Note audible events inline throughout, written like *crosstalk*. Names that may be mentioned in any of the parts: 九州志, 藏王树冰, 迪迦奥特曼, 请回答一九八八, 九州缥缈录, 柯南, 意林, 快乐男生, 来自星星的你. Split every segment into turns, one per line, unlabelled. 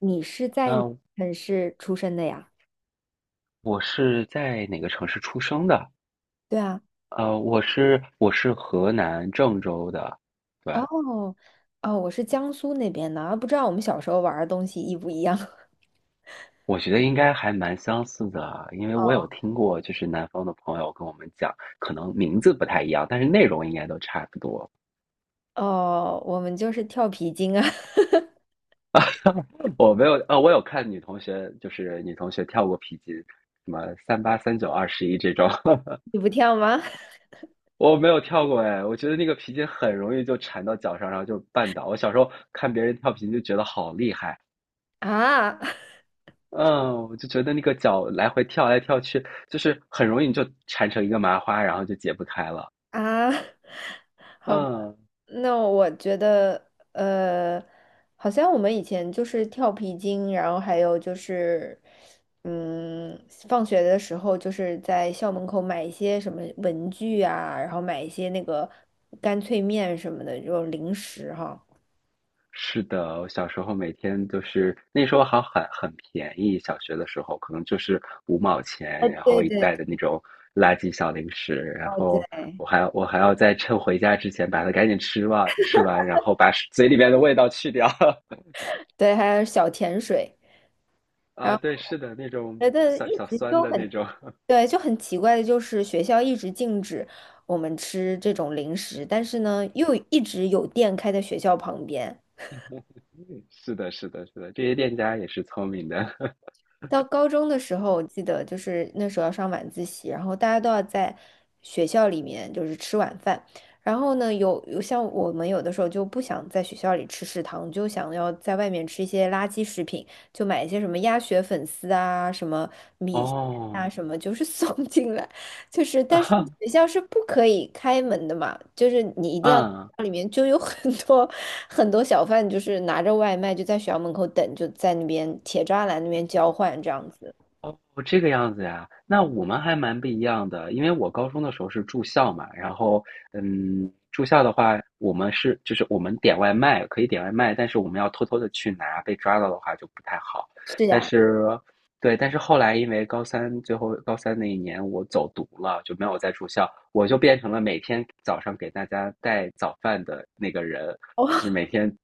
你是在哪个
呃，
城市出生的呀？
我是在哪个城市出生的？
对啊。
我是河南郑州的，对，
哦，哦，我是江苏那边的，啊不知道我们小时候玩儿的东西一不一样。*laughs*
我觉得应该还蛮相似的，因为
哦
我有听过，就是南方的朋友跟我们讲，可能名字不太一样，但是内容应该都差不多。
哦，我们就是跳皮筋啊。*laughs*
*laughs* 我没有，我有看女同学，就是女同学跳过皮筋，什么38、39、21这种，
你不跳吗？
*laughs* 我没有跳过哎，我觉得那个皮筋很容易就缠到脚上，然后就绊倒。我小时候看别人跳皮筋就觉得好厉害。
*laughs* 啊。*laughs*
嗯，我就觉得那个脚来回跳来跳去，就是很容易你就缠成一个麻花，然后就解不开了。
啊。*laughs* 好吧，
嗯，
那我觉得，好像我们以前就是跳皮筋，然后还有就是，嗯，放学的时候就是在校门口买一些什么文具啊，然后买一些那个干脆面什么的这种零食哈。
是的，我小时候每天就是那时候好很便宜，小学的时候可能就是五毛
啊，
钱，然
对
后一
对对
袋的那种垃圾小零食，然后
对。
我还要在趁回家之前把它赶紧吃完，然后把嘴里边的味道去掉。*laughs*
对，还有小甜水，然
啊，
后
对，是的，那种
我觉得
酸
一
小
直
酸
就
的那
很
种，
对，就很奇怪的就是学校一直禁止我们吃这种零食，但是呢，又一直有店开在学校旁边。
*laughs* 是的，是的，是的，这些店家也是聪明的。*laughs*
到高中的时候，我记得就是那时候要上晚自习，然后大家都要在学校里面就是吃晚饭。然后呢，有像我们有的时候就不想在学校里吃食堂，就想要在外面吃一些垃圾食品，就买一些什么鸭血粉丝啊，什么啊
哦，
什么，就是送 *laughs* 进来，就是
*laughs*
但是
哈，
学校是不可以开门的嘛，就是你一定要
啊嗯，
里面就有很多很多小贩，就是拿着外卖就在学校门口等，就在那边铁栅栏那边交换这样子。
哦，这个样子呀，那我们还蛮不一样的，因为我高中的时候是住校嘛，然后，住校的话，我们是就是我们点外卖可以点外卖，但是我们要偷偷的去拿，被抓到的话就不太好。
是
但
呀。
是，对，但是后来因为高三那一年我走读了，就没有再住校，我就变成了每天早上给大家带早饭的那个人，
哦，
就是
*laughs*
每天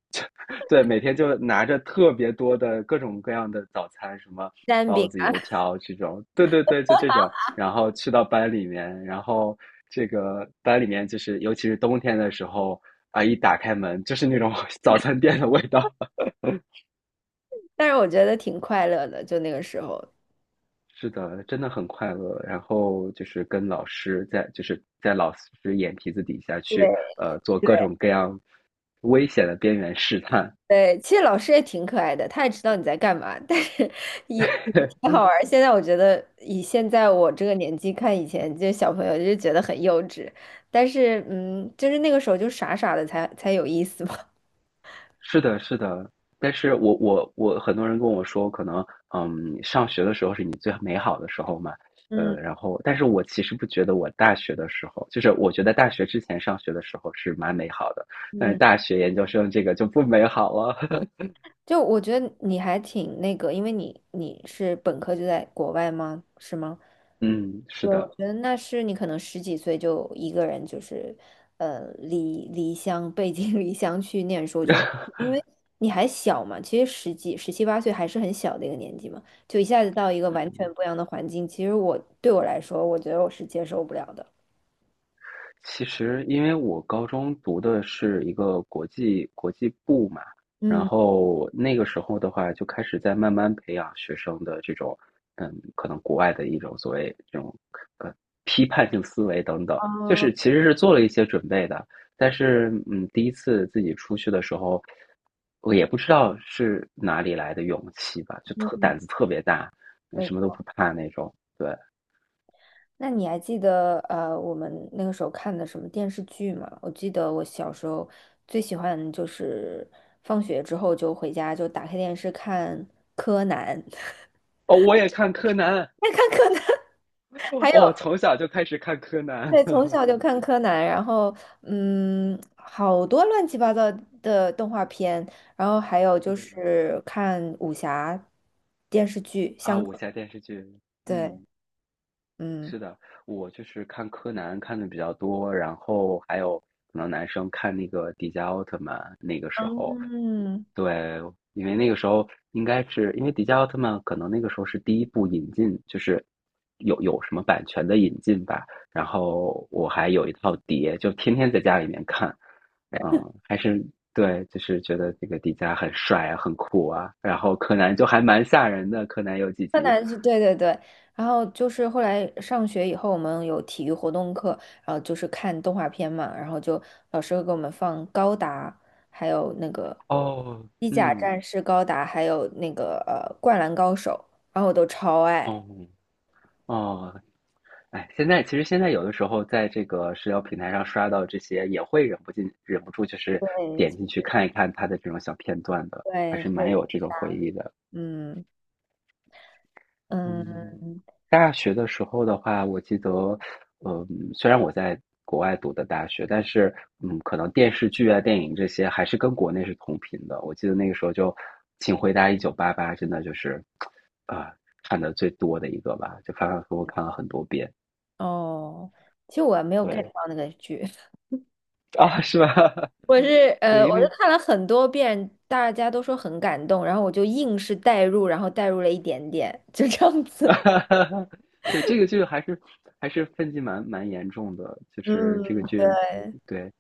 对，每天就拿着特别多的各种各样的早餐，什么
蛋
包
饼
子、
啊。
油条这种，对对对，就这种，然后去到班里面，然后这个班里面就是，尤其是冬天的时候啊，一打开门就是那种 *laughs* 早餐店的味道。*laughs*
但是我觉得挺快乐的，就那个时候。
是的，真的很快乐。然后就是跟老师在，就是在老师眼皮子底下
对
去，
对。
做各种各样危险的边缘试探。
对，其实老师也挺可爱的，他也知道你在干嘛，但是也
*laughs*
挺好玩儿，现在我觉得，以现在我这个年纪看以前这小朋友，就觉得很幼稚。但是，就是那个时候就傻傻的才有意思嘛。
是的，是的，但是我我我很多人跟我说，可能上学的时候是你最美好的时候嘛，
*laughs* 嗯
然后，但是我其实不觉得我大学的时候，就是我觉得大学之前上学的时候是蛮美好的，但是
嗯。
大学研究生这个就不美好了，*laughs*
就我觉得你还挺那个，因为你是本科就在国外吗？是吗？
嗯，是
对，我
的，
觉得那是你可能十几岁就一个人，就是，离乡背井离乡去念书。我觉得，
*laughs*
因为你还小嘛，其实十几、十七八岁还是很小的一个年纪嘛，就一下子到一个完全不一样的环境，其实对我来说，我觉得我是接受不了的。
其实，因为我高中读的是一个国际部嘛，然
嗯。
后那个时候的话，就开始在慢慢培养学生的这种，可能国外的一种所谓这种呃批判性思维等等，就
哦。
是其实是做了一些准备的，但是第一次自己出去的时候，我也不知道是哪里来的勇气吧，就特
嗯。
胆子特别大，
没。
什么都不怕那种。对，
那你还记得我们那个时候看的什么电视剧吗？我记得我小时候最喜欢就是放学之后就回家就打开电视看柯南。
哦，我也看柯南，
*laughs* 爱看柯南。*laughs*
*laughs*
还
我
有
从小就开始看柯南，
对，从小就
*laughs*
看柯南，然后好多乱七八糟的动画片，然后还有
是
就
的
是看武侠电视剧，
啊，
香
武
港。
侠电视剧，
对，
嗯，
嗯
是的，我就是看柯南看的比较多，然后还有可能男生看那个迪迦奥特曼，那个时候
嗯。
对，因为那个时候应该是因为迪迦奥特曼可能那个时候是第一部引进，就是有什么版权的引进吧。然后我还有一套碟，就天天在家里面看。还是对，就是觉得这个迪迦很帅啊，很酷啊。然后柯南就还蛮吓人的，柯南有几
柯
集。
南是对对对，然后就是后来上学以后，我们有体育活动课，然后就是看动画片嘛，然后就老师会给我们放高达，还有那个
哦，
机甲
嗯，
战士高达，还有那个灌篮高手，然后我都超爱。
哦，哦，哎，其实现在有的时候在这个社交平台上刷到这些，也会忍不住就是
对
点进去看一看他的这种小片段的，还
对。
是蛮
会。
有这种回忆的。
嗯
嗯，
嗯
大学的时候的话，我记得，嗯，虽然我在国外读的大学，但是可能电视剧啊、电影这些还是跟国内是同频的。我记得那个时候就《请回答1988》，真的就是啊、看的最多的一个吧，就反反复复看了很多遍。
哦。其实我没有 get
对，
到那个剧。
啊，是吧？*laughs* 对，因
我就
为
看了很多遍，大家都说很感动，然后我就硬是代入，然后代入了一点点，就这样子。*laughs*
*laughs* 对这个剧还是分歧蛮严重的，就是这个
嗯。
剧，对，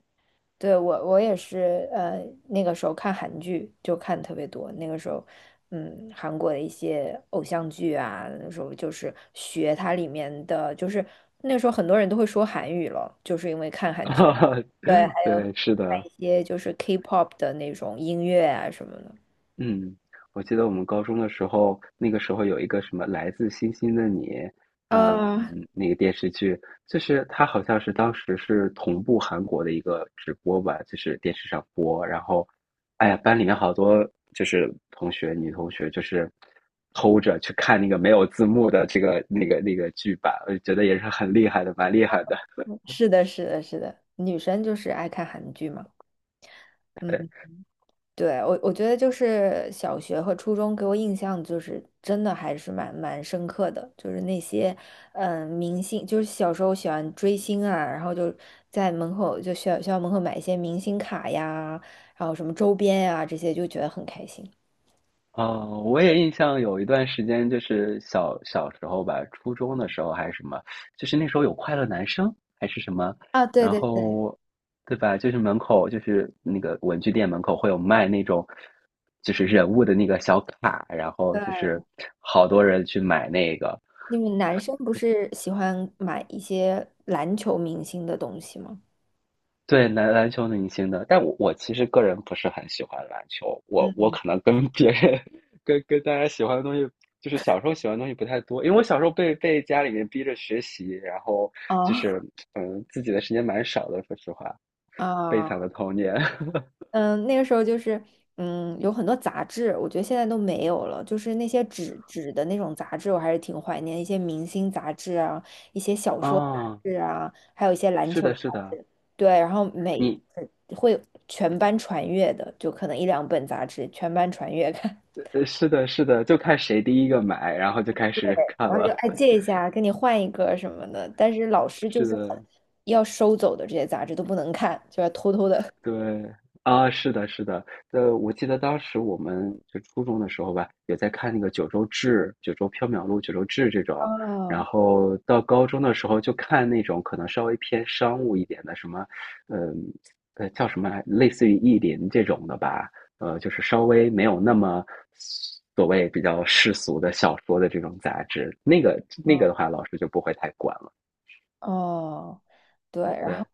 对，我也是，那个时候看韩剧就看特别多。那个时候，韩国的一些偶像剧啊，那时候就是学它里面的，就是那时候很多人都会说韩语了，就是因为看韩剧。对，还
*laughs* 对，是
看
的。
一些就是 K-pop 的那种音乐啊什么的。
嗯，我记得我们高中的时候，那个时候有一个什么《来自星星的你》，嗯，
啊，
那个电视剧，就是它好像是当时是同步韩国的一个直播吧，就是电视上播，然后，哎呀，班里面好多就是同学，女同学就是偷着去看那个没有字幕的这个那个那个剧版，我就觉得也是很厉害的，蛮厉害的。
是的，是的，是的，女生就是爱看韩剧嘛。嗯。对，我觉得就是小学和初中给我印象就是真的还是蛮深刻的，就是那些明星，就是小时候喜欢追星啊，然后就在门口就学校门口买一些明星卡呀，然后什么周边呀、这些，就觉得很开心。
啊，我也印象有一段时间，就是小时候吧，初中的时候还是什么，就是那时候有快乐男生还是什么，
啊，对
然
对对
后，对吧？就是门口就是那个文具店门口会有卖那种，就是人物的那个小卡，然后
对。
就是好多人去买那个，
你们男生不是喜欢买一些篮球明星的东西吗？
对，篮球明星的，但我其实个人不是很喜欢篮球，我
嗯。
可能跟别人 *laughs* 跟大家喜欢的东西，就是小时候喜欢的东西不太多，因为我小时候被家里面逼着学习，然后就
哦。
是自己的时间蛮少的，说实话，悲
啊。
惨
*laughs*
的童年。*laughs*
嗯，那个时候就是，有很多杂志，我觉得现在都没有了。就是那些纸的那种杂志，我还是挺怀念一些明星杂志啊，一些小说杂
啊，
志啊，还有一些篮
是
球
的，
杂
是的，
志。对，然后每
你
会全班传阅的，就可能一两本杂志全班传阅看，*laughs*
是的，是的，就看谁第一个买，然后就开始看
然后就
了。
哎借
*laughs*
一下，跟你换一个什么的。但是老师就
是
是很
的，
要收走的这些杂志都不能看，就要偷偷的。
对啊，是的，是的，我记得当时我们就初中的时候吧，也在看那个《九州志》《九州缥缈录》《九州志》这
*laughs*
种，然
哦
后到高中的时候就看那种可能稍微偏商务一点的，什么，嗯，叫什么来，类似于意林这种的吧，就是稍微没有那么所谓比较世俗的小说的这种杂志，那个的话，老师就不会太管了。
哦。对，然
对，
后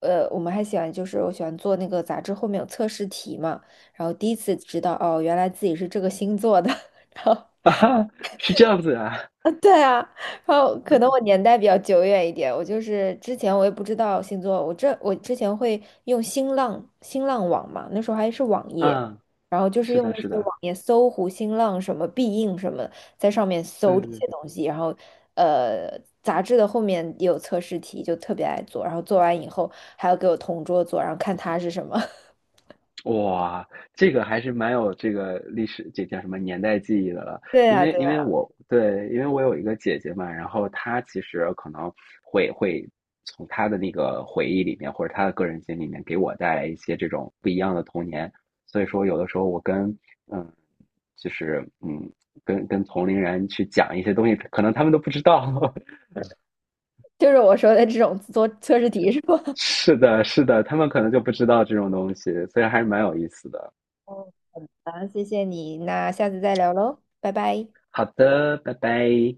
我们还喜欢就是我喜欢做那个杂志后面有测试题嘛，然后第一次知道哦，原来自己是这个星座的，*laughs* 然后
*laughs* 啊哈，是这样子啊，
啊。*laughs* 对啊，然后可能我年代比较久远一点，我就是之前我也不知道星座，我之前会用新浪网嘛，那时候还是网页，
嗯，
然后就是
是
用
的，
那
是
些
的，
网页搜狐、新浪什么必应什么在上面
对
搜
对
这
对。
些东西，然后呃，杂志的后面也有测试题，就特别爱做，然后做完以后还要给我同桌做，然后看他是什么。*laughs*
哇，这个还是蛮有这个历史，这叫什么年代记忆的了。
对
因
呀，
为
对
因为
呀，
我对，因为我有一个姐姐嘛，然后她其实可能会从她的那个回忆里面，或者她的个人经历里面，给我带来一些这种不一样的童年。所以说，有的时候我跟嗯，就是跟同龄人去讲一些东西，可能他们都不知道。*laughs*
就是我说的这种做测试题是吧？*laughs*
是的，是的，他们可能就不知道这种东西，所以还是蛮有意思的。
嗯，好，谢谢你，那下次再聊喽，拜拜。
好的，拜拜。